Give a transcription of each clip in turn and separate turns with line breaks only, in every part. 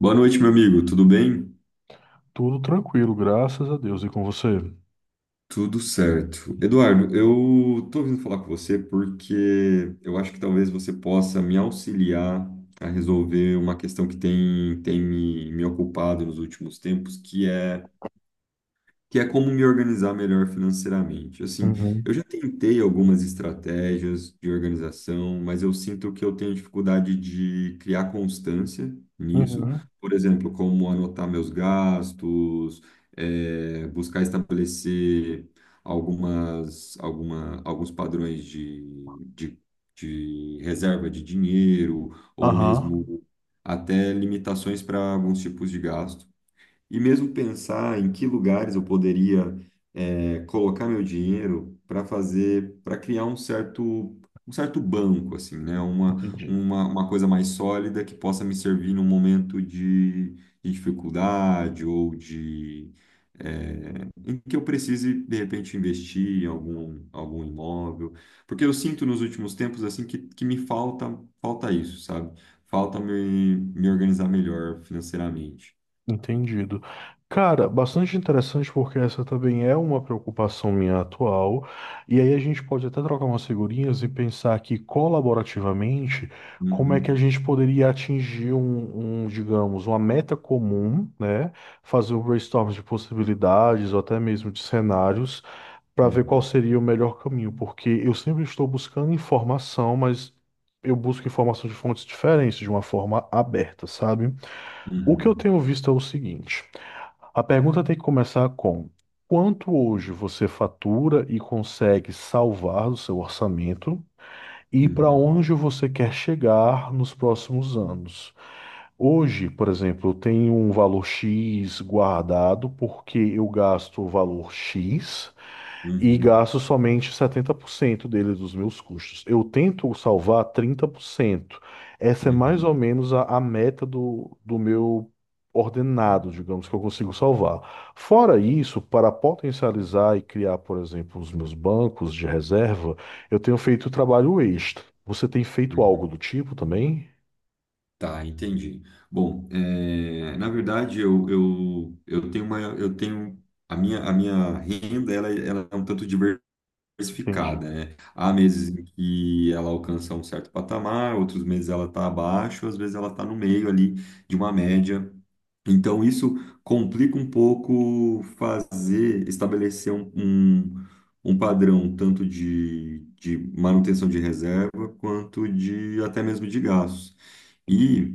Boa noite, meu amigo. Tudo bem?
Tudo tranquilo, graças a Deus. E com você?
Tudo certo. Eduardo, eu tô vindo falar com você porque eu acho que talvez você possa me auxiliar a resolver uma questão que tem me ocupado nos últimos tempos, que é como me organizar melhor financeiramente. Assim,
Uhum,
eu já tentei algumas estratégias de organização, mas eu sinto que eu tenho dificuldade de criar constância nisso.
uhum.
Por exemplo, como anotar meus gastos, buscar estabelecer alguns padrões de reserva de dinheiro, ou
Aham,
mesmo até limitações para alguns tipos de gasto. E mesmo pensar em que lugares eu poderia colocar meu dinheiro para fazer, para criar um certo banco, assim, né?
entendi.
Uma coisa mais sólida que possa me servir num momento de dificuldade ou de, em que eu precise, de repente, investir em algum imóvel. Porque eu sinto nos últimos tempos, assim, que me falta isso, sabe? Falta me organizar melhor financeiramente.
Entendido. Cara, bastante interessante porque essa também é uma preocupação minha atual. E aí a gente pode até trocar umas figurinhas e pensar aqui colaborativamente como é que a
Uhum.
gente poderia atingir um, digamos, uma meta comum, né? Fazer um brainstorm de possibilidades ou até mesmo de cenários para ver qual
Uhum,
seria o melhor caminho, porque eu sempre estou buscando informação, mas eu busco informação de fontes diferentes, de uma forma aberta, sabe? O que eu
uhum,
tenho visto é o seguinte: a pergunta tem que começar com quanto hoje você fatura e consegue salvar do seu orçamento e para
uhum,
onde você quer chegar nos próximos anos. Hoje, por exemplo, eu tenho um valor X guardado porque eu gasto o valor X e
uhum,
gasto somente 70% dele dos meus custos. Eu tento salvar 30%. Essa é mais
uhum,
ou menos a meta do meu ordenado, digamos, que eu consigo salvar. Fora isso, para potencializar e criar, por exemplo, os meus bancos de reserva, eu tenho feito trabalho extra. Você tem feito algo
uhum.
do tipo também?
Tá, entendi. Bom, é, na verdade eu tenho uma eu tenho a minha renda ela é um tanto diversificada,
Entendi,
né? Há meses em que ela alcança um certo patamar, outros meses ela está abaixo, às vezes ela está no meio ali de uma média. Então, isso complica um pouco fazer, estabelecer um padrão tanto de manutenção de reserva quanto de até mesmo de gastos.
entendi,
E,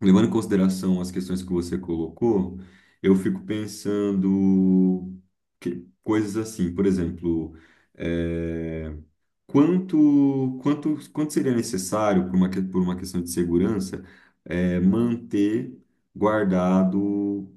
levando em consideração as questões que você colocou, eu fico pensando que, coisas assim, por exemplo, eh, quanto, quanto seria necessário, por uma questão de segurança, é, manter guardado,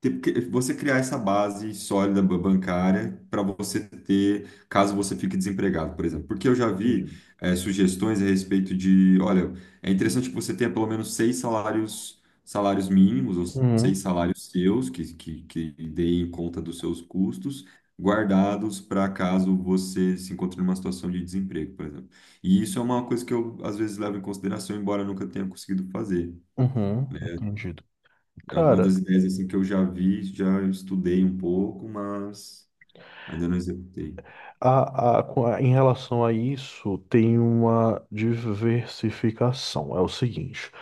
porque você criar essa base sólida bancária para você ter, caso você fique desempregado, por exemplo? Porque eu já
entendi.
vi, é, sugestões a respeito de, olha, é interessante que você tenha pelo menos seis salários mínimos, ou seis
Uhum,
salários seus, que deem conta dos seus custos guardados para caso você se encontre numa situação de desemprego, por exemplo. E isso é uma coisa que eu às vezes levo em consideração, embora eu nunca tenha conseguido fazer,
uhum,
né?
entendido.
Alguma
Cara,
das ideias assim que eu já vi, já estudei um pouco, mas ainda não executei.
Em relação a isso, tem uma diversificação. É o seguinte,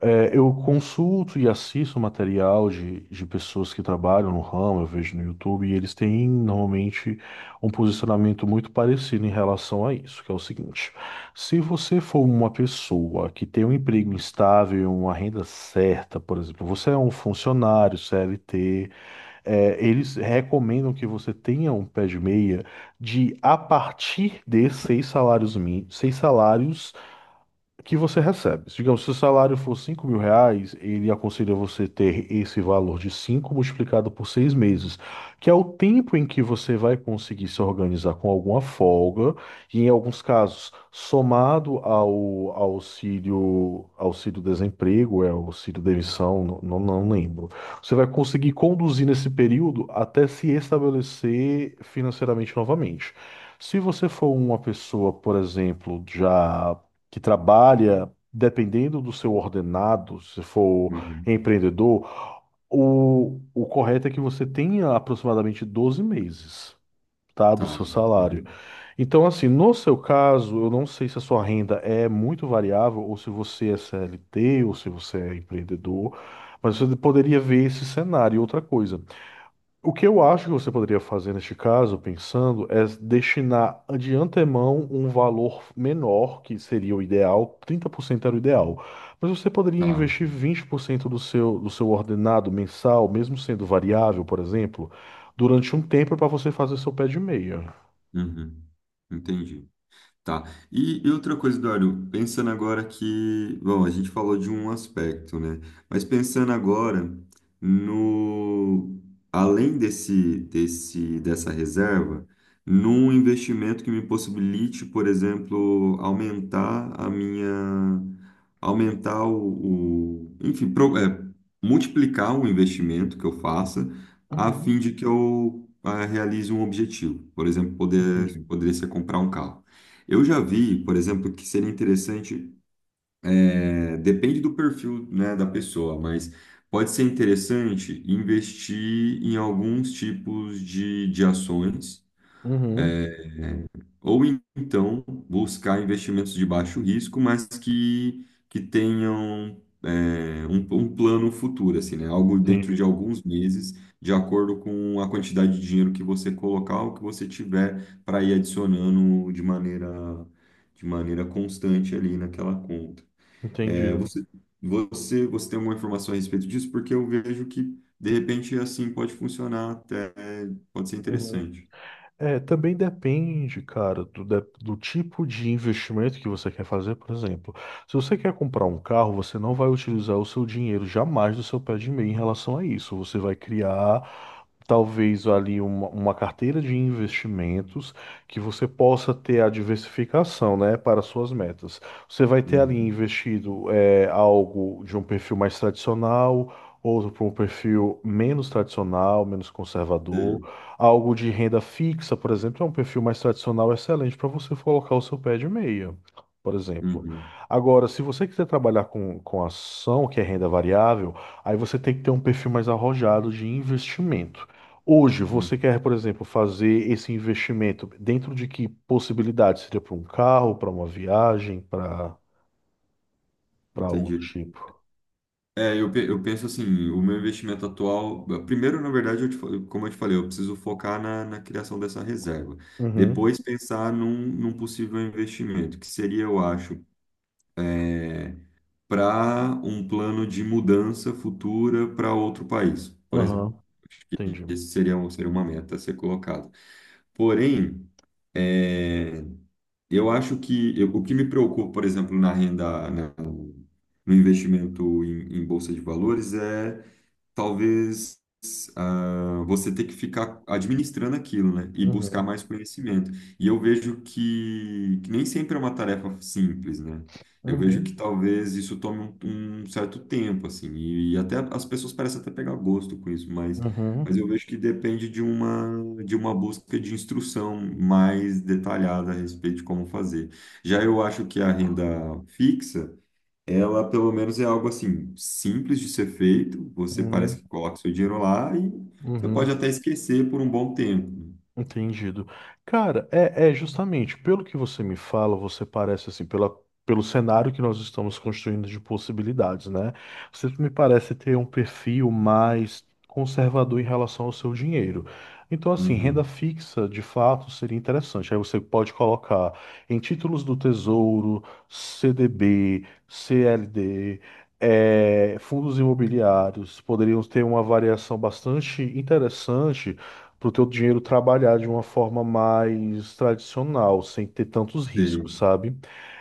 é, eu consulto e assisto material de pessoas que trabalham no ramo, eu vejo no YouTube, e eles têm normalmente um posicionamento muito parecido em relação a isso, que é o seguinte: se você for uma pessoa que tem um emprego instável, uma renda certa, por exemplo, você é um funcionário CLT. É, eles recomendam que você tenha um pé de meia de a partir de 6 salários mínimos, 6 salários que você recebe. Digamos, se o salário for R$ 5.000, ele aconselha você ter esse valor de 5 multiplicado por 6 meses, que é o tempo em que você vai conseguir se organizar com alguma folga, e em alguns casos, somado ao auxílio, auxílio desemprego, é auxílio demissão, não, não não lembro. Você vai conseguir conduzir nesse período até se estabelecer financeiramente novamente. Se você for uma pessoa, por exemplo, já que trabalha, dependendo do seu ordenado, se for
Uhum.
empreendedor, o correto é que você tenha aproximadamente 12 meses, tá, do
Tá,
seu salário.
uhum.
Então, assim, no seu caso, eu não sei se a sua renda é muito variável, ou se você é CLT, ou se você é empreendedor, mas você poderia ver esse cenário. E outra coisa. O que eu acho que você poderia fazer neste caso, pensando, é destinar de antemão um valor menor, que seria o ideal, 30% era o ideal. Mas você poderia
Tá.
investir 20% do seu ordenado mensal, mesmo sendo variável, por exemplo, durante um tempo para você fazer seu pé de meia.
Uhum. Entendi. Tá. E outra coisa, Eduardo, pensando agora que, bom, a gente falou de um aspecto, né? Mas pensando agora no, além dessa reserva, num investimento que me possibilite, por exemplo, aumentar a minha, aumentar enfim, multiplicar o investimento que eu faça a fim
Uhum,
de que eu realize um objetivo. Por exemplo,
entendi.
poderia ser comprar um carro. Eu já vi, por exemplo, que seria interessante, é, depende do perfil, né, da pessoa, mas pode ser interessante investir em alguns tipos de ações.
Uhum,
Ou então buscar investimentos de baixo risco, mas que tenham é, um plano futuro, assim, né? Algo dentro de
entendi.
alguns meses, de acordo com a quantidade de dinheiro que você colocar, o que você tiver para ir adicionando de maneira constante ali naquela conta. É,
Entendido.
você tem alguma informação a respeito disso? Porque eu vejo que, de repente, assim pode funcionar até, pode ser interessante.
É, também depende, cara, do tipo de investimento que você quer fazer, por exemplo. Se você quer comprar um carro, você não vai utilizar o seu dinheiro jamais do seu pé de meia em relação a isso. Você vai criar, talvez, ali uma carteira de investimentos que você possa ter a diversificação, né, para suas metas. Você vai ter ali
Uhum.
investido é, algo de um perfil mais tradicional, outro para um perfil menos tradicional, menos conservador.
Sei.
Algo de renda fixa, por exemplo, é um perfil mais tradicional excelente para você colocar o seu pé de meia, por exemplo.
Uhum.
Agora, se você quiser trabalhar com ação, que é renda variável, aí você tem que ter um perfil mais arrojado de investimento. Hoje, você
Uhum.
quer, por exemplo, fazer esse investimento dentro de que possibilidade? Seria para um carro, para uma viagem, para algo do
Entendi.
tipo?
É, eu penso assim, o meu investimento atual, primeiro, na verdade, como eu te falei, eu preciso focar na, na criação dessa reserva.
Uhum,
Depois pensar num, num possível investimento, que seria, eu acho, para um plano de mudança futura para outro país, por exemplo.
aham,
Acho que
entendi.
esse seria, seria uma meta a ser colocada. Porém, é, eu acho o que me preocupa, por exemplo, na renda, no investimento em, em bolsa de valores é talvez você ter que ficar administrando aquilo, né? E buscar
Uhum,
mais conhecimento. E eu vejo que nem sempre é uma tarefa simples, né? Eu vejo que
uhum,
talvez isso tome um certo tempo, assim, e até as pessoas parecem até pegar gosto com isso, mas eu
uhum,
vejo que depende de uma busca de instrução mais detalhada a respeito de como fazer. Já eu acho que a renda fixa ela, pelo menos, é algo assim, simples de ser feito. Você parece
uhum,
que coloca seu dinheiro lá e você pode
uhum.
até esquecer por um bom tempo.
Entendido. Cara, é, é justamente pelo que você me fala, você parece assim, pela, pelo cenário que nós estamos construindo de possibilidades, né? Você me parece ter um perfil mais conservador em relação ao seu dinheiro. Então, assim, renda
Uhum.
fixa, de fato, seria interessante. Aí você pode colocar em títulos do Tesouro, CDB, CLD, fundos imobiliários, poderiam ter uma variação bastante interessante para o teu dinheiro trabalhar de uma forma mais tradicional, sem ter tantos riscos,
Sim.
sabe?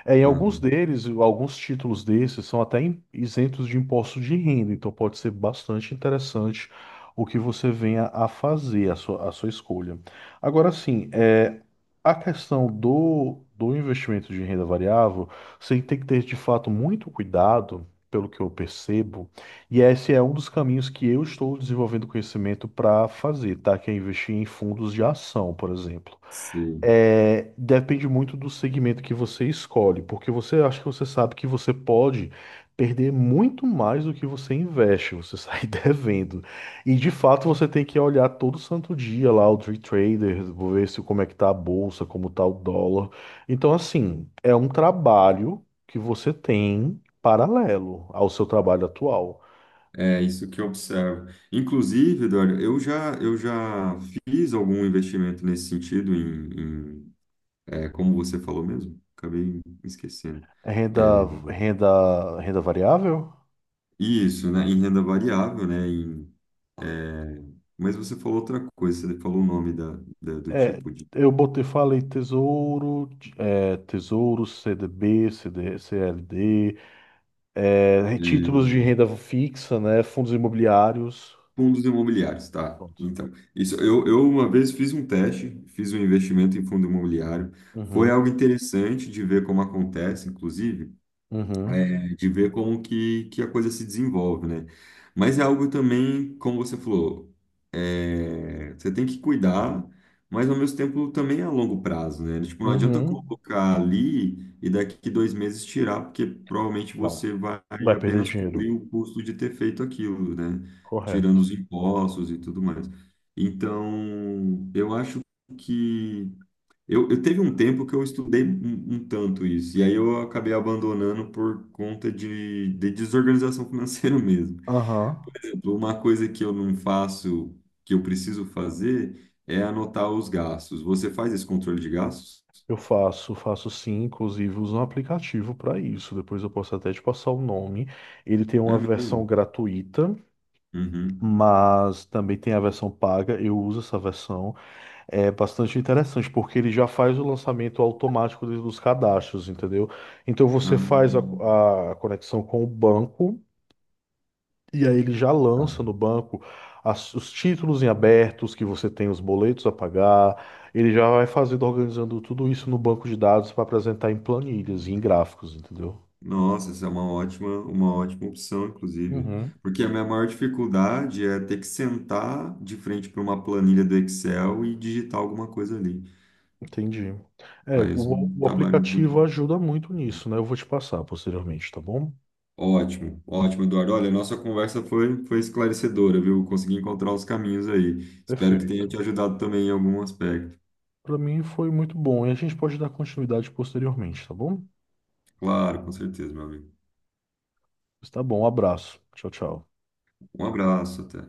É, em alguns
Uhum.
deles, alguns títulos desses são até isentos de imposto de renda, então pode ser bastante interessante o que você venha a fazer, a sua escolha. Agora sim, é, a questão do investimento de renda variável, você tem que ter de fato muito cuidado, pelo que eu percebo, e esse é um dos caminhos que eu estou desenvolvendo conhecimento para fazer, tá? Que é investir em fundos de ação, por exemplo.
Sei.
É, depende muito do segmento que você escolhe, porque você acha que você sabe que você pode perder muito mais do que você investe, você sai devendo. E de fato você tem que olhar todo santo dia lá o Tree Trader, ver se como é que tá a bolsa, como tá o dólar. Então, assim, é um trabalho que você tem paralelo ao seu trabalho atual.
É isso que eu observo. Inclusive, Eduardo, eu já fiz algum investimento nesse sentido em, em, é, como você falou mesmo? Acabei me esquecendo.
Renda,
É,
renda, renda variável?
isso, né? Em renda variável, né? Em, é, mas você falou outra coisa, você falou o nome do
É,
tipo de.
eu botei, falei tesouro, CDB, CD, CLD, é, títulos
É,
de renda fixa, né? Fundos imobiliários.
fundos imobiliários, tá?
Pronto.
Então, isso eu uma vez fiz um teste, fiz um investimento em fundo imobiliário. Foi
Uhum,
algo interessante de ver como acontece, inclusive
uhum,
é, de ver como que a coisa se desenvolve, né? Mas é algo também, como você falou, é, você tem que cuidar, mas ao mesmo tempo também é a longo prazo, né? Tipo, não adianta
uhum.
colocar ali e daqui 2 meses tirar, porque provavelmente
Não.
você vai
Vai perder
apenas cobrir
dinheiro.
o custo de ter feito aquilo, né?
Correto.
Tirando os impostos e tudo mais. Então, eu acho que eu teve um tempo que eu estudei um tanto isso, e aí eu acabei abandonando por conta de desorganização financeira mesmo.
Aham.
Então, uma coisa que eu não faço, que eu preciso fazer, é anotar os gastos. Você faz esse controle de gastos?
Eu faço, faço sim, inclusive uso um aplicativo para isso. Depois eu posso até te passar o nome. Ele tem
É
uma versão
mesmo?
gratuita
Uhum.
mas também tem a versão paga. Eu uso essa versão. É bastante interessante, porque ele já faz o lançamento automático dos cadastros, entendeu? Então você
Ah,
faz a conexão com o banco e aí ele já
tá.
lança no banco os títulos em abertos que você tem, os boletos a pagar. Ele já vai fazendo, organizando tudo isso no banco de dados para apresentar em planilhas e em gráficos, entendeu?
Nossa, essa é uma ótima opção, inclusive.
Uhum,
Porque a minha maior dificuldade é ter que sentar de frente para uma planilha do Excel e digitar alguma coisa ali.
entendi. É,
Faz
o,
um
o
trabalho muito
aplicativo
bom.
ajuda muito nisso, né? Eu vou te passar posteriormente, tá bom?
Ótimo, ótimo, Eduardo. Olha, a nossa conversa foi, foi esclarecedora, viu? Consegui encontrar os caminhos aí. Espero que tenha te
Perfeito.
ajudado também em algum aspecto.
Para mim foi muito bom. E a gente pode dar continuidade posteriormente, tá bom?
Claro, com certeza, meu amigo.
Está bom, um abraço. Tchau, tchau.
Um abraço, até.